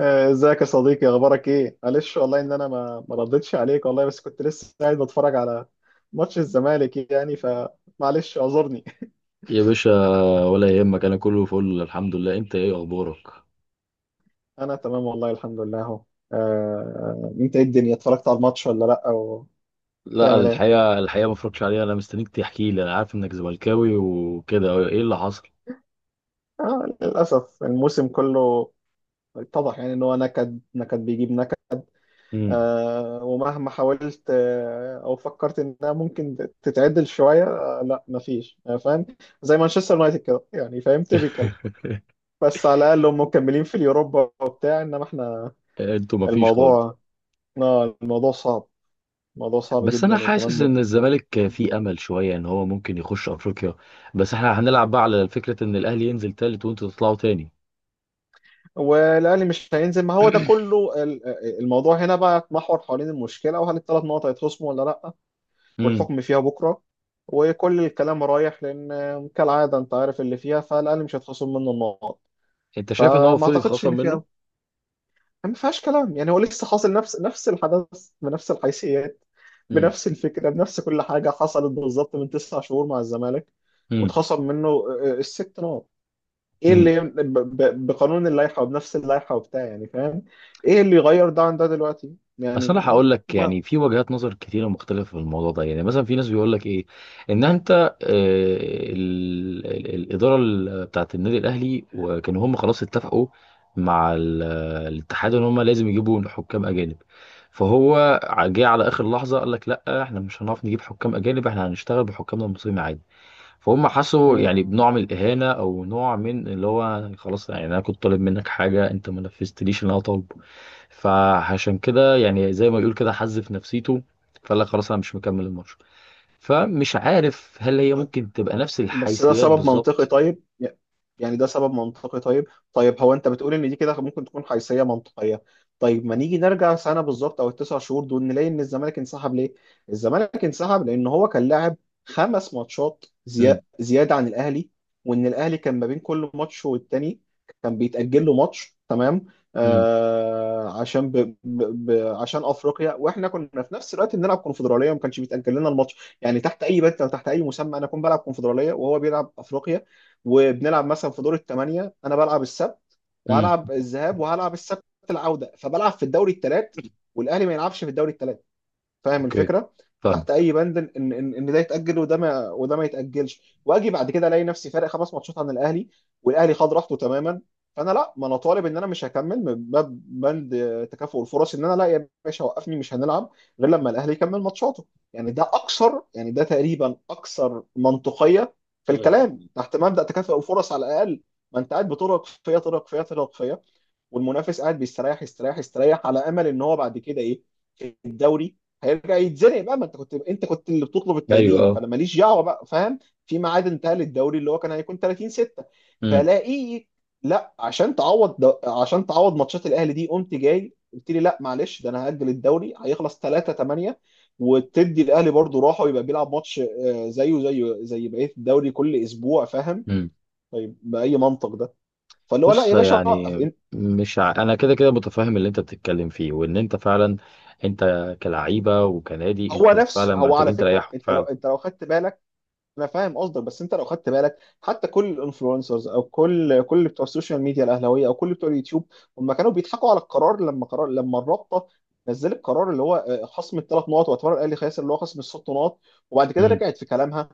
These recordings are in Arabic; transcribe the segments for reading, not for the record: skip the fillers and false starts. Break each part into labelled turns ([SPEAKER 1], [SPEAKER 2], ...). [SPEAKER 1] ازيك يا صديقي، اخبارك ايه؟ معلش والله ان انا ما ردتش عليك والله، بس كنت لسه قاعد بتفرج على ماتش الزمالك يعني، فمعلش اعذرني.
[SPEAKER 2] يا باشا، ولا يهمك. انا كله فل الحمد لله. انت ايه اخبارك؟
[SPEAKER 1] انا تمام والله الحمد لله اهو. انت ايه الدنيا، اتفرجت على الماتش ولا لا، وبتعمل
[SPEAKER 2] لا
[SPEAKER 1] ايه؟
[SPEAKER 2] الحقيقه ما اتفرجتش عليها، انا مستنيك تحكي لي. انا عارف انك زملكاوي وكده، ايه اللي حصل؟
[SPEAKER 1] للاسف الموسم كله اتضح يعني ان هو نكد بيجيب نكد.
[SPEAKER 2] امم
[SPEAKER 1] ومهما حاولت او فكرت انها ممكن تتعدل شويه، لا مفيش. فاهم؟ زي مانشستر يونايتد كده يعني، فاهم؟ typical. بس على الاقل هم مكملين في اليوروبا وبتاع، انما احنا
[SPEAKER 2] انتوا ما فيش خالص.
[SPEAKER 1] الموضوع. اه الموضوع صعب. الموضوع صعب
[SPEAKER 2] بس انا
[SPEAKER 1] جدا، وكمان
[SPEAKER 2] حاسس ان الزمالك فيه امل شويه ان هو ممكن يخش افريقيا. بس احنا هنلعب بقى على فكره ان الاهلي ينزل تالت وانتوا تطلعوا تاني.
[SPEAKER 1] والاهلي مش هينزل، ما هو ده كله الموضوع هنا بقى يتمحور حوالين المشكله، وهل الثلاث نقط هيتخصموا ولا لا.
[SPEAKER 2] امم
[SPEAKER 1] والحكم فيها بكره، وكل الكلام رايح لان كالعاده انت عارف اللي فيها، فالاهلي مش هيتخصم منه النقط.
[SPEAKER 2] انت شايف ان هو
[SPEAKER 1] فما
[SPEAKER 2] المفروض
[SPEAKER 1] اعتقدش
[SPEAKER 2] يتخصم
[SPEAKER 1] ان
[SPEAKER 2] منه؟
[SPEAKER 1] فيها، ما فيهاش كلام يعني. هو لسه حاصل نفس الحدث بنفس الحيثيات،
[SPEAKER 2] امم
[SPEAKER 1] بنفس الفكرة، بنفس كل حاجة، حصلت بالظبط من تسع شهور مع الزمالك واتخصم منه الست نقط. ايه
[SPEAKER 2] امم
[SPEAKER 1] اللي بقانون اللائحة، وبنفس اللائحة وبتاع يعني، فاهم؟ ايه اللي يغير ده عن ده دلوقتي
[SPEAKER 2] اصل
[SPEAKER 1] يعني؟
[SPEAKER 2] انا هقول لك،
[SPEAKER 1] ما
[SPEAKER 2] يعني في وجهات نظر كتيره مختلفه في الموضوع ده. يعني مثلا في ناس بيقول لك ايه، ان انت الاداره بتاعت النادي الاهلي، وكانوا هم خلاص اتفقوا مع الاتحاد ان هم لازم يجيبوا حكام اجانب. فهو جه على اخر لحظه قال لك لا احنا مش هنعرف نجيب حكام اجانب، احنا هنشتغل بحكامنا المصريين عادي. فهم حسوا
[SPEAKER 1] مم.
[SPEAKER 2] يعني بنوع من الاهانه، او نوع من اللي هو خلاص يعني انا كنت طالب منك حاجه انت ما نفذتليش اللي انا طالبه. فعشان كده يعني زي ما يقول كده حز في نفسيته، فقال لك خلاص انا مش مكمل الماتش. فمش عارف هل هي ممكن تبقى نفس
[SPEAKER 1] بس ده
[SPEAKER 2] الحيثيات
[SPEAKER 1] سبب منطقي،
[SPEAKER 2] بالظبط.
[SPEAKER 1] طيب. يعني ده سبب منطقي، طيب. طيب هو انت بتقول ان دي كده ممكن تكون حيثية منطقية. طيب ما نيجي نرجع سنة بالظبط او التسع شهور دول، نلاقي ان الزمالك انسحب ليه؟ الزمالك انسحب لان هو كان لاعب خمس ماتشات
[SPEAKER 2] امم
[SPEAKER 1] زيادة عن الاهلي. وان الاهلي كان ما بين كل ماتش والتاني كان بيتأجل له ماتش، تمام؟
[SPEAKER 2] امم
[SPEAKER 1] آه عشان عشان افريقيا، واحنا كنا في نفس الوقت بنلعب كونفدرالية وما كانش بيتأجل لنا الماتش. يعني تحت اي بند او تحت اي مسمى انا اكون بلعب كونفدراليه وهو بيلعب افريقيا، وبنلعب مثلا في دور الثمانيه، انا بلعب السبت
[SPEAKER 2] امم
[SPEAKER 1] وهلعب الذهاب، وهلعب السبت العوده، فبلعب في الدوري الثلاث، والاهلي ما يلعبش في الدوري الثلاث. فاهم
[SPEAKER 2] اوكي،
[SPEAKER 1] الفكره؟
[SPEAKER 2] فاهم.
[SPEAKER 1] تحت اي بند ان ده يتاجل، وده ما وده ما يتاجلش، واجي بعد كده الاقي نفسي فارق خمس ماتشات عن الاهلي، والاهلي خد راحته تماما؟ فانا لا، ما انا طالب ان انا مش هكمل من باب بند تكافؤ الفرص. ان انا لا يا باشا، وقفني مش هنلعب غير لما الاهلي يكمل ماتشاته. يعني ده اكثر، يعني ده تقريبا اكثر منطقيه في
[SPEAKER 2] مم.
[SPEAKER 1] الكلام تحت مبدا تكافؤ الفرص على الاقل. ما انت قاعد بترهق فيا ترهق فيا ترهق فيا، والمنافس قاعد بيستريح يستريح يستريح، على امل ان هو بعد كده ايه؟ في الدوري هيرجع يتزنق بقى. ما انت كنت اللي بتطلب
[SPEAKER 2] ايوه
[SPEAKER 1] التأجيل،
[SPEAKER 2] اه.
[SPEAKER 1] فانا ماليش دعوه بقى، فاهم؟ في ميعاد انتهى للدوري اللي هو كان هيكون 30/6،
[SPEAKER 2] امم
[SPEAKER 1] فلاقيه، لا عشان تعوض عشان تعوض ماتشات الاهلي دي، قمت جاي قلت لي لا معلش ده انا هأجل الدوري، هيخلص 3/8، وتدي الاهلي برضه راحه، ويبقى بيلعب ماتش زيه زيه زي بقيه الدوري كل اسبوع، فاهم؟
[SPEAKER 2] امم
[SPEAKER 1] طيب باي منطق ده؟ فاللي هو لا
[SPEAKER 2] بص
[SPEAKER 1] يا باشا وقف.
[SPEAKER 2] يعني، مش ع... انا كده كده متفاهم اللي انت بتتكلم فيه، وان انت فعلا انت كلعيبه وكنادي
[SPEAKER 1] هو
[SPEAKER 2] انتوا
[SPEAKER 1] نفس،
[SPEAKER 2] فعلا
[SPEAKER 1] هو على
[SPEAKER 2] محتاجين
[SPEAKER 1] فكره
[SPEAKER 2] تريحوا
[SPEAKER 1] انت لو
[SPEAKER 2] فعلا.
[SPEAKER 1] خدت بالك، انا فاهم قصدك، بس انت لو خدت بالك، حتى كل الانفلونسرز او كل بتوع السوشيال ميديا الاهلاويه، او كل بتوع اليوتيوب، هم كانوا بيضحكوا على القرار. لما قرار، لما الرابطه نزلت القرار اللي هو خصم الثلاث نقط، واعتبر الاهلي خاسر اللي هو خصم الست نقط، وبعد كده
[SPEAKER 2] امم
[SPEAKER 1] رجعت في كلامها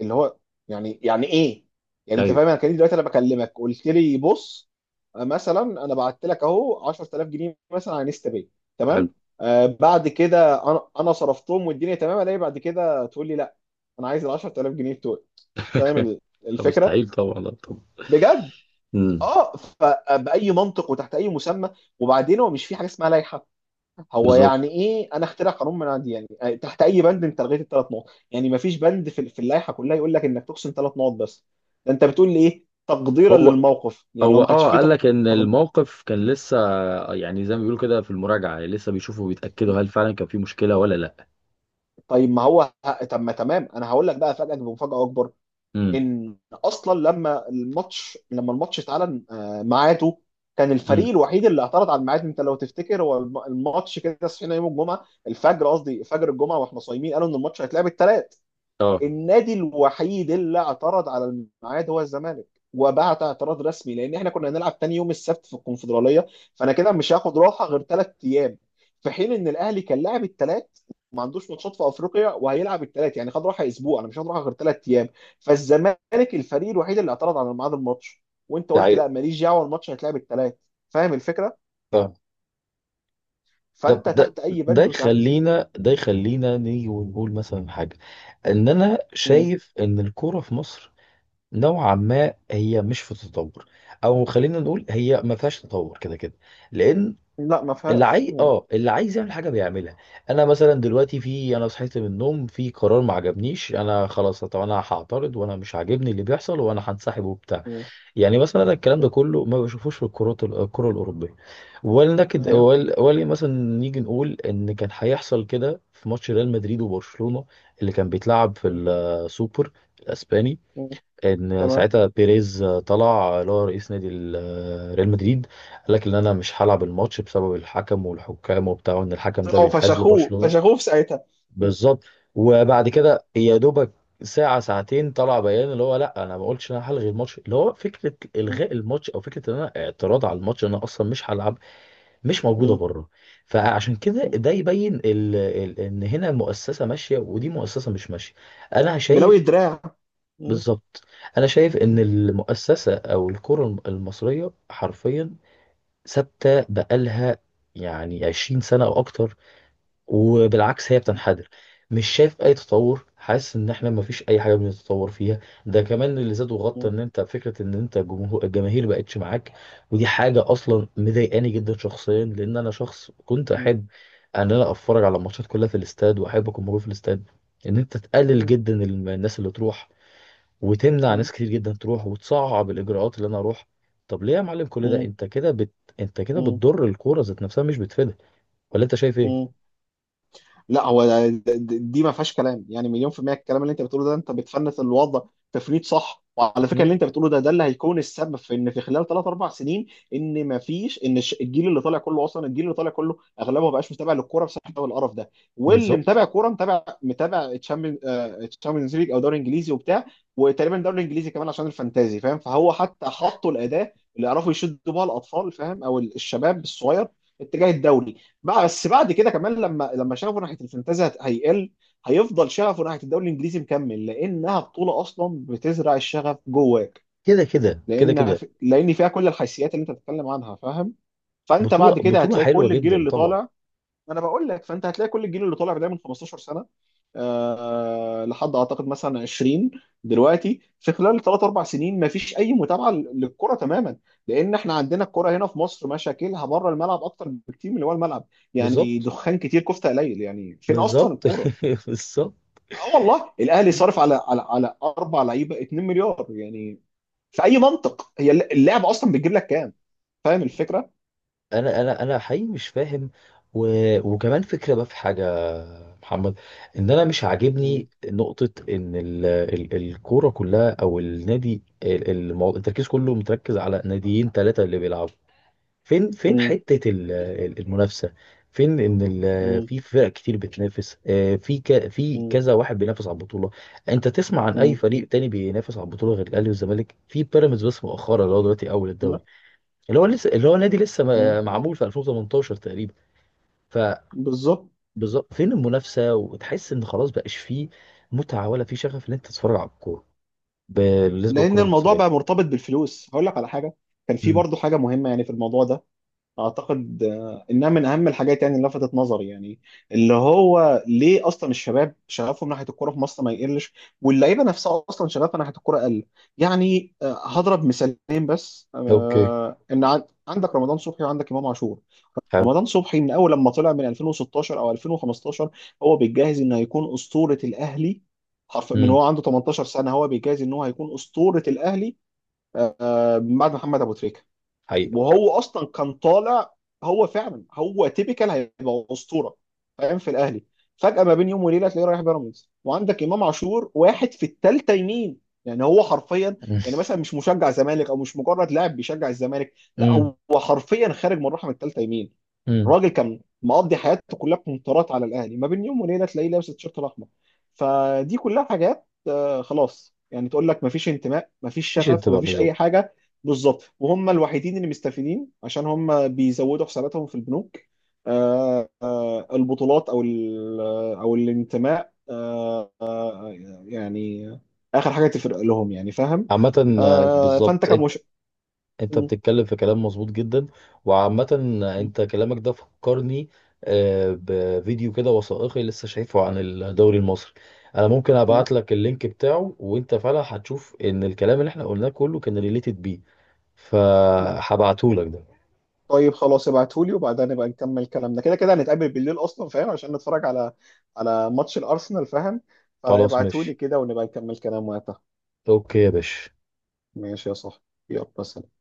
[SPEAKER 1] اللي هو، يعني ايه؟ يعني انت
[SPEAKER 2] ايوه،
[SPEAKER 1] فاهم؟ انا كان دلوقتي انا بكلمك قلت لي بص، مثلا انا بعت لك اهو 10,000 جنيه مثلا على انستا باي،
[SPEAKER 2] حلو.
[SPEAKER 1] تمام؟ آه بعد كده انا صرفتهم والدنيا تمام، الاقي بعد كده تقول لي لا انا عايز ال 10,000 جنيه بتوعي. فاهم
[SPEAKER 2] طب
[SPEAKER 1] الفكره؟
[SPEAKER 2] مستحيل طبعا، لا طبعا.
[SPEAKER 1] بجد.
[SPEAKER 2] امم
[SPEAKER 1] اه فباي منطق وتحت اي مسمى؟ وبعدين هو مش في حاجه اسمها لائحه. هو
[SPEAKER 2] بالظبط.
[SPEAKER 1] يعني ايه انا اخترع قانون منعدي يعني؟ تحت اي بند انت لغيت الثلاث نقط؟ يعني ما فيش بند في اللائحه كلها يقول لك انك تقسم ثلاث نقط بس. ده انت بتقول لي ايه، تقديرا
[SPEAKER 2] هو
[SPEAKER 1] للموقف يعني؟ هو
[SPEAKER 2] هو
[SPEAKER 1] ما كانش
[SPEAKER 2] اه
[SPEAKER 1] فيه
[SPEAKER 2] قال لك ان
[SPEAKER 1] تق...
[SPEAKER 2] الموقف كان لسه يعني زي ما بيقولوا كده في المراجعه، لسه بيشوفوا وبيتاكدوا هل فعلا كان في مشكله ولا لا.
[SPEAKER 1] طيب، ما هو طب ما تمام، انا هقول لك بقى افاجئك بمفاجاه اكبر.
[SPEAKER 2] امم
[SPEAKER 1] ان اصلا لما الماتش لما الماتش اتعلن ميعاده، كان الفريق
[SPEAKER 2] امم
[SPEAKER 1] الوحيد اللي اعترض على الميعاد. انت لو تفتكر هو الماتش كده، صحينا يوم الجمعه الفجر، قصدي فجر الجمعه واحنا صايمين، قالوا ان الماتش هيتلعب الثلاث.
[SPEAKER 2] اه،
[SPEAKER 1] النادي الوحيد اللي اعترض على الميعاد هو الزمالك. وبعت اعتراض رسمي لان احنا كنا هنلعب تاني يوم السبت في الكونفدراليه، فانا كده مش هاخد راحه غير ثلاث ايام. في حين ان الاهلي كان لاعب الثلاث، ما عندوش ماتشات في افريقيا وهيلعب الثلاث، يعني خد راحه اسبوع، انا مش هاخد راحه غير ثلاث ايام. فالزمالك الفريق الوحيد اللي اعترض على ميعاد الماتش، وانت
[SPEAKER 2] ده
[SPEAKER 1] قلت
[SPEAKER 2] حقيقي.
[SPEAKER 1] لا ماليش دعوه، الماتش هيتلعب الثلاث. فاهم الفكره؟
[SPEAKER 2] آه. ده
[SPEAKER 1] فانت
[SPEAKER 2] ده
[SPEAKER 1] تحت اي
[SPEAKER 2] ده
[SPEAKER 1] بند وتحت.
[SPEAKER 2] يخلينا، نيجي ونقول مثلا حاجة. ان انا
[SPEAKER 1] مم.
[SPEAKER 2] شايف ان الكورة في مصر نوعا ما هي مش في تطور، او خلينا نقول هي ما فيهاش تطور كده كده. لان
[SPEAKER 1] لا، ما
[SPEAKER 2] اللي
[SPEAKER 1] فيهاش.
[SPEAKER 2] عايز
[SPEAKER 1] مم.
[SPEAKER 2] اه اللي عايز يعمل حاجه بيعملها. انا مثلا دلوقتي في، انا صحيت من النوم في قرار ما عجبنيش، انا خلاص طب انا هعترض وانا مش عاجبني اللي بيحصل وانا هنسحب وبتاع.
[SPEAKER 1] مم.
[SPEAKER 2] يعني مثلا انا الكلام ده
[SPEAKER 1] مم.
[SPEAKER 2] كله ما بشوفوش في الكرات الكره الاوروبيه.
[SPEAKER 1] ايوه.
[SPEAKER 2] ولكن مثلا، نيجي نقول ان كان هيحصل كده في ماتش ريال مدريد وبرشلونه اللي كان بيتلعب في
[SPEAKER 1] مم.
[SPEAKER 2] السوبر الاسباني،
[SPEAKER 1] مم.
[SPEAKER 2] ان
[SPEAKER 1] تمام.
[SPEAKER 2] ساعتها بيريز طلع اللي هو رئيس نادي ريال مدريد قال لك ان انا مش هلعب الماتش بسبب الحكم والحكام وبتاع، وان الحكم ده
[SPEAKER 1] طلعوا
[SPEAKER 2] بينحاز
[SPEAKER 1] فشخوه
[SPEAKER 2] لبرشلونة.
[SPEAKER 1] فشخوه في ساعتها. م-
[SPEAKER 2] بالظبط. وبعد
[SPEAKER 1] م-
[SPEAKER 2] كده يا دوبك ساعة ساعتين طلع بيان اللي هو لا انا ما قلتش ان انا هلغي الماتش. اللي هو فكرة
[SPEAKER 1] م-
[SPEAKER 2] الغاء الماتش او فكرة ان انا اعتراض على الماتش ان انا اصلا مش هلعب، مش موجودة
[SPEAKER 1] م-
[SPEAKER 2] بره. فعشان كده
[SPEAKER 1] م.
[SPEAKER 2] ده يبين ان هنا المؤسسة ماشية ودي مؤسسة مش ماشية، انا
[SPEAKER 1] بلاوي
[SPEAKER 2] شايف.
[SPEAKER 1] الدراع. م-
[SPEAKER 2] بالظبط. انا شايف ان
[SPEAKER 1] م-
[SPEAKER 2] المؤسسه او الكره المصريه حرفيا ثابته بقالها يعني 20 سنه او اكتر، وبالعكس هي
[SPEAKER 1] م-
[SPEAKER 2] بتنحدر. مش شايف اي تطور، حاسس ان احنا ما فيش اي حاجه بنتطور فيها. ده كمان اللي زاد وغطى
[SPEAKER 1] م-
[SPEAKER 2] ان انت فكره ان انت جمهور، الجماهير بقتش معاك. ودي حاجه اصلا مضايقاني جدا شخصيا، لان انا شخص كنت
[SPEAKER 1] م-
[SPEAKER 2] احب ان انا اتفرج على الماتشات كلها في الاستاد واحب اكون موجود في الاستاد. ان انت تقلل
[SPEAKER 1] م-
[SPEAKER 2] جدا الناس اللي تروح، وتمنع ناس كتير جدا تروح، وتصعب الاجراءات اللي انا اروح. طب ليه يا معلم كل ده؟
[SPEAKER 1] م-
[SPEAKER 2] انت كده انت كده
[SPEAKER 1] م-
[SPEAKER 2] بتضر الكوره ذات نفسها مش بتفيدها، ولا انت شايف ايه؟
[SPEAKER 1] م- لا هو دي ما فيهاش كلام يعني، مليون في المية. الكلام اللي انت بتقوله ده، انت بتفنت الوضع تفنيد صح. وعلى فكرة اللي
[SPEAKER 2] مم.
[SPEAKER 1] انت بتقوله ده اللي هيكون السبب في ان في خلال ثلاث اربع سنين، ان ما فيش، ان الجيل اللي طالع كله، اصلا الجيل اللي طالع كله اغلبه ما بقاش متابع للكوره بسبب القرف ده. واللي
[SPEAKER 2] بالظبط.
[SPEAKER 1] متابع كوره، متابع، متابع تشامبيونز ليج او دوري انجليزي وبتاع. وتقريبا دوري انجليزي كمان عشان الفانتازي، فاهم؟ فهو حتى حطوا الاداه اللي يعرفوا يشدوا بها الاطفال، فاهم، او الشباب الصغير اتجاه الدوري بقى. بس بعد كده كمان، لما شغفه ناحيه الفانتازي هيقل، هيفضل شغفه ناحيه الدوري الانجليزي مكمل، لانها بطوله اصلا بتزرع الشغف جواك،
[SPEAKER 2] كده كده كده كده.
[SPEAKER 1] لان فيها كل الحيثيات اللي انت بتتكلم عنها، فاهم؟ فانت
[SPEAKER 2] بطوله
[SPEAKER 1] بعد كده
[SPEAKER 2] بطوله
[SPEAKER 1] هتلاقي
[SPEAKER 2] حلوه
[SPEAKER 1] كل الجيل
[SPEAKER 2] جدا
[SPEAKER 1] اللي
[SPEAKER 2] طبعا.
[SPEAKER 1] طالع، انا بقول لك، فانت هتلاقي كل الجيل اللي طالع بدايه من 15 سنه لحد اعتقد مثلا 20 دلوقتي، في خلال 3-4 سنين ما فيش اي متابعه للكره تماما. لان احنا عندنا الكره هنا في مصر مشاكلها بره الملعب اكتر بكتير من اللي هو الملعب. يعني
[SPEAKER 2] بالظبط،
[SPEAKER 1] دخان كتير كفته قليل، يعني فين اصلا
[SPEAKER 2] بالظبط.
[SPEAKER 1] الكوره؟
[SPEAKER 2] بالظبط.
[SPEAKER 1] اه والله الاهلي صارف على اربع لعيبه 2 مليار يعني، في اي منطق؟ هي اللعبه اصلا بتجيب لك كام؟ فاهم الفكره؟
[SPEAKER 2] انا حقيقي مش فاهم. و... وكمان فكره بقى في حاجه، محمد، ان انا مش
[SPEAKER 1] مم.
[SPEAKER 2] عاجبني نقطه ان الكوره كلها او النادي التركيز كله متركز على ناديين ثلاثه اللي بيلعبوا. فين، فين
[SPEAKER 1] مم.
[SPEAKER 2] حته المنافسه؟ فين ان
[SPEAKER 1] مم.
[SPEAKER 2] في فرق كتير بتنافس، في
[SPEAKER 1] مم.
[SPEAKER 2] كذا واحد بينافس على البطوله؟ انت تسمع عن اي
[SPEAKER 1] مم.
[SPEAKER 2] فريق تاني بينافس على البطوله غير الاهلي والزمالك؟ في بيراميدز بس مؤخرا اللي هو دلوقتي اول الدوري، اللي هو لسه اللي هو نادي لسه
[SPEAKER 1] مم.
[SPEAKER 2] معمول في 2018 تقريبا.
[SPEAKER 1] بالظبط.
[SPEAKER 2] فبالظبط فين المنافسه؟ وتحس ان خلاص بقاش فيه متعه ولا فيه شغف ان انت تتفرج على الكوره بالنسبه
[SPEAKER 1] لان
[SPEAKER 2] للكوره
[SPEAKER 1] الموضوع
[SPEAKER 2] المصريه.
[SPEAKER 1] بقى مرتبط بالفلوس. هقول لك على حاجه، كان في
[SPEAKER 2] امم
[SPEAKER 1] برضه حاجه مهمه يعني في الموضوع ده. اعتقد انها من اهم الحاجات يعني، اللي لفتت نظري يعني، اللي هو ليه اصلا الشباب شغفهم ناحيه الكوره في مصر ما يقلش، واللعيبه نفسها اصلا شغفها ناحيه الكوره قل. يعني هضرب مثالين بس.
[SPEAKER 2] اوكي،
[SPEAKER 1] ان عندك رمضان صبحي، وعندك امام عاشور.
[SPEAKER 2] حلو.
[SPEAKER 1] رمضان صبحي من اول لما طلع من 2016 او 2015 هو بيتجهز انه هيكون اسطوره الاهلي. حرف، من
[SPEAKER 2] امم
[SPEAKER 1] هو عنده 18 سنه هو بيجهز ان هو هيكون اسطوره الاهلي بعد محمد ابو تريكه.
[SPEAKER 2] حقيقه.
[SPEAKER 1] وهو اصلا كان طالع، هو فعلا هو تيبيكال هيبقى اسطوره، فاهم، في الاهلي. فجاه ما بين يوم وليله تلاقيه رايح بيراميدز. وعندك امام عاشور واحد في الثالثه يمين، يعني هو حرفيا. يعني مثلا مش مشجع زمالك، او مش مجرد لاعب بيشجع الزمالك، لا
[SPEAKER 2] امم
[SPEAKER 1] هو حرفيا خارج من رحم الثالثه يمين.
[SPEAKER 2] امم
[SPEAKER 1] الراجل كان مقضي حياته كلها كونترات على الاهلي، ما بين يوم وليله تلاقيه لابس التيشيرت الاحمر. فدي كلها حاجات خلاص يعني، تقول لك مفيش انتماء، مفيش
[SPEAKER 2] مفيش
[SPEAKER 1] شغف،
[SPEAKER 2] انتباه،
[SPEAKER 1] مفيش
[SPEAKER 2] بالظبط.
[SPEAKER 1] اي حاجه. بالظبط. وهم الوحيدين اللي مستفيدين عشان هم بيزودوا حساباتهم في البنوك. البطولات او او الانتماء، يعني اخر حاجه تفرق لهم يعني، فاهم؟
[SPEAKER 2] عامه،
[SPEAKER 1] فانت
[SPEAKER 2] بالظبط.
[SPEAKER 1] كمش.
[SPEAKER 2] انت
[SPEAKER 1] م-
[SPEAKER 2] بتتكلم في كلام مظبوط جدا. وعامة
[SPEAKER 1] م-
[SPEAKER 2] انت كلامك ده فكرني بفيديو كده وثائقي لسه شايفه عن الدوري المصري. انا ممكن
[SPEAKER 1] م.
[SPEAKER 2] ابعت لك اللينك بتاعه، وانت فعلا هتشوف ان الكلام اللي احنا قلناه كله كان ريليتد بيه. فهبعته لك ده.
[SPEAKER 1] طيب خلاص ابعتهولي، وبعدها نبقى نكمل كلامنا. كده كده هنتقابل بالليل اصلا فاهم، عشان نتفرج على على ماتش الارسنال، فاهم؟
[SPEAKER 2] خلاص ماشي،
[SPEAKER 1] فابعتهولي كده، ونبقى نكمل كلام وقتها.
[SPEAKER 2] اوكي يا باشا.
[SPEAKER 1] ماشي يا صاحبي. يلا سلام.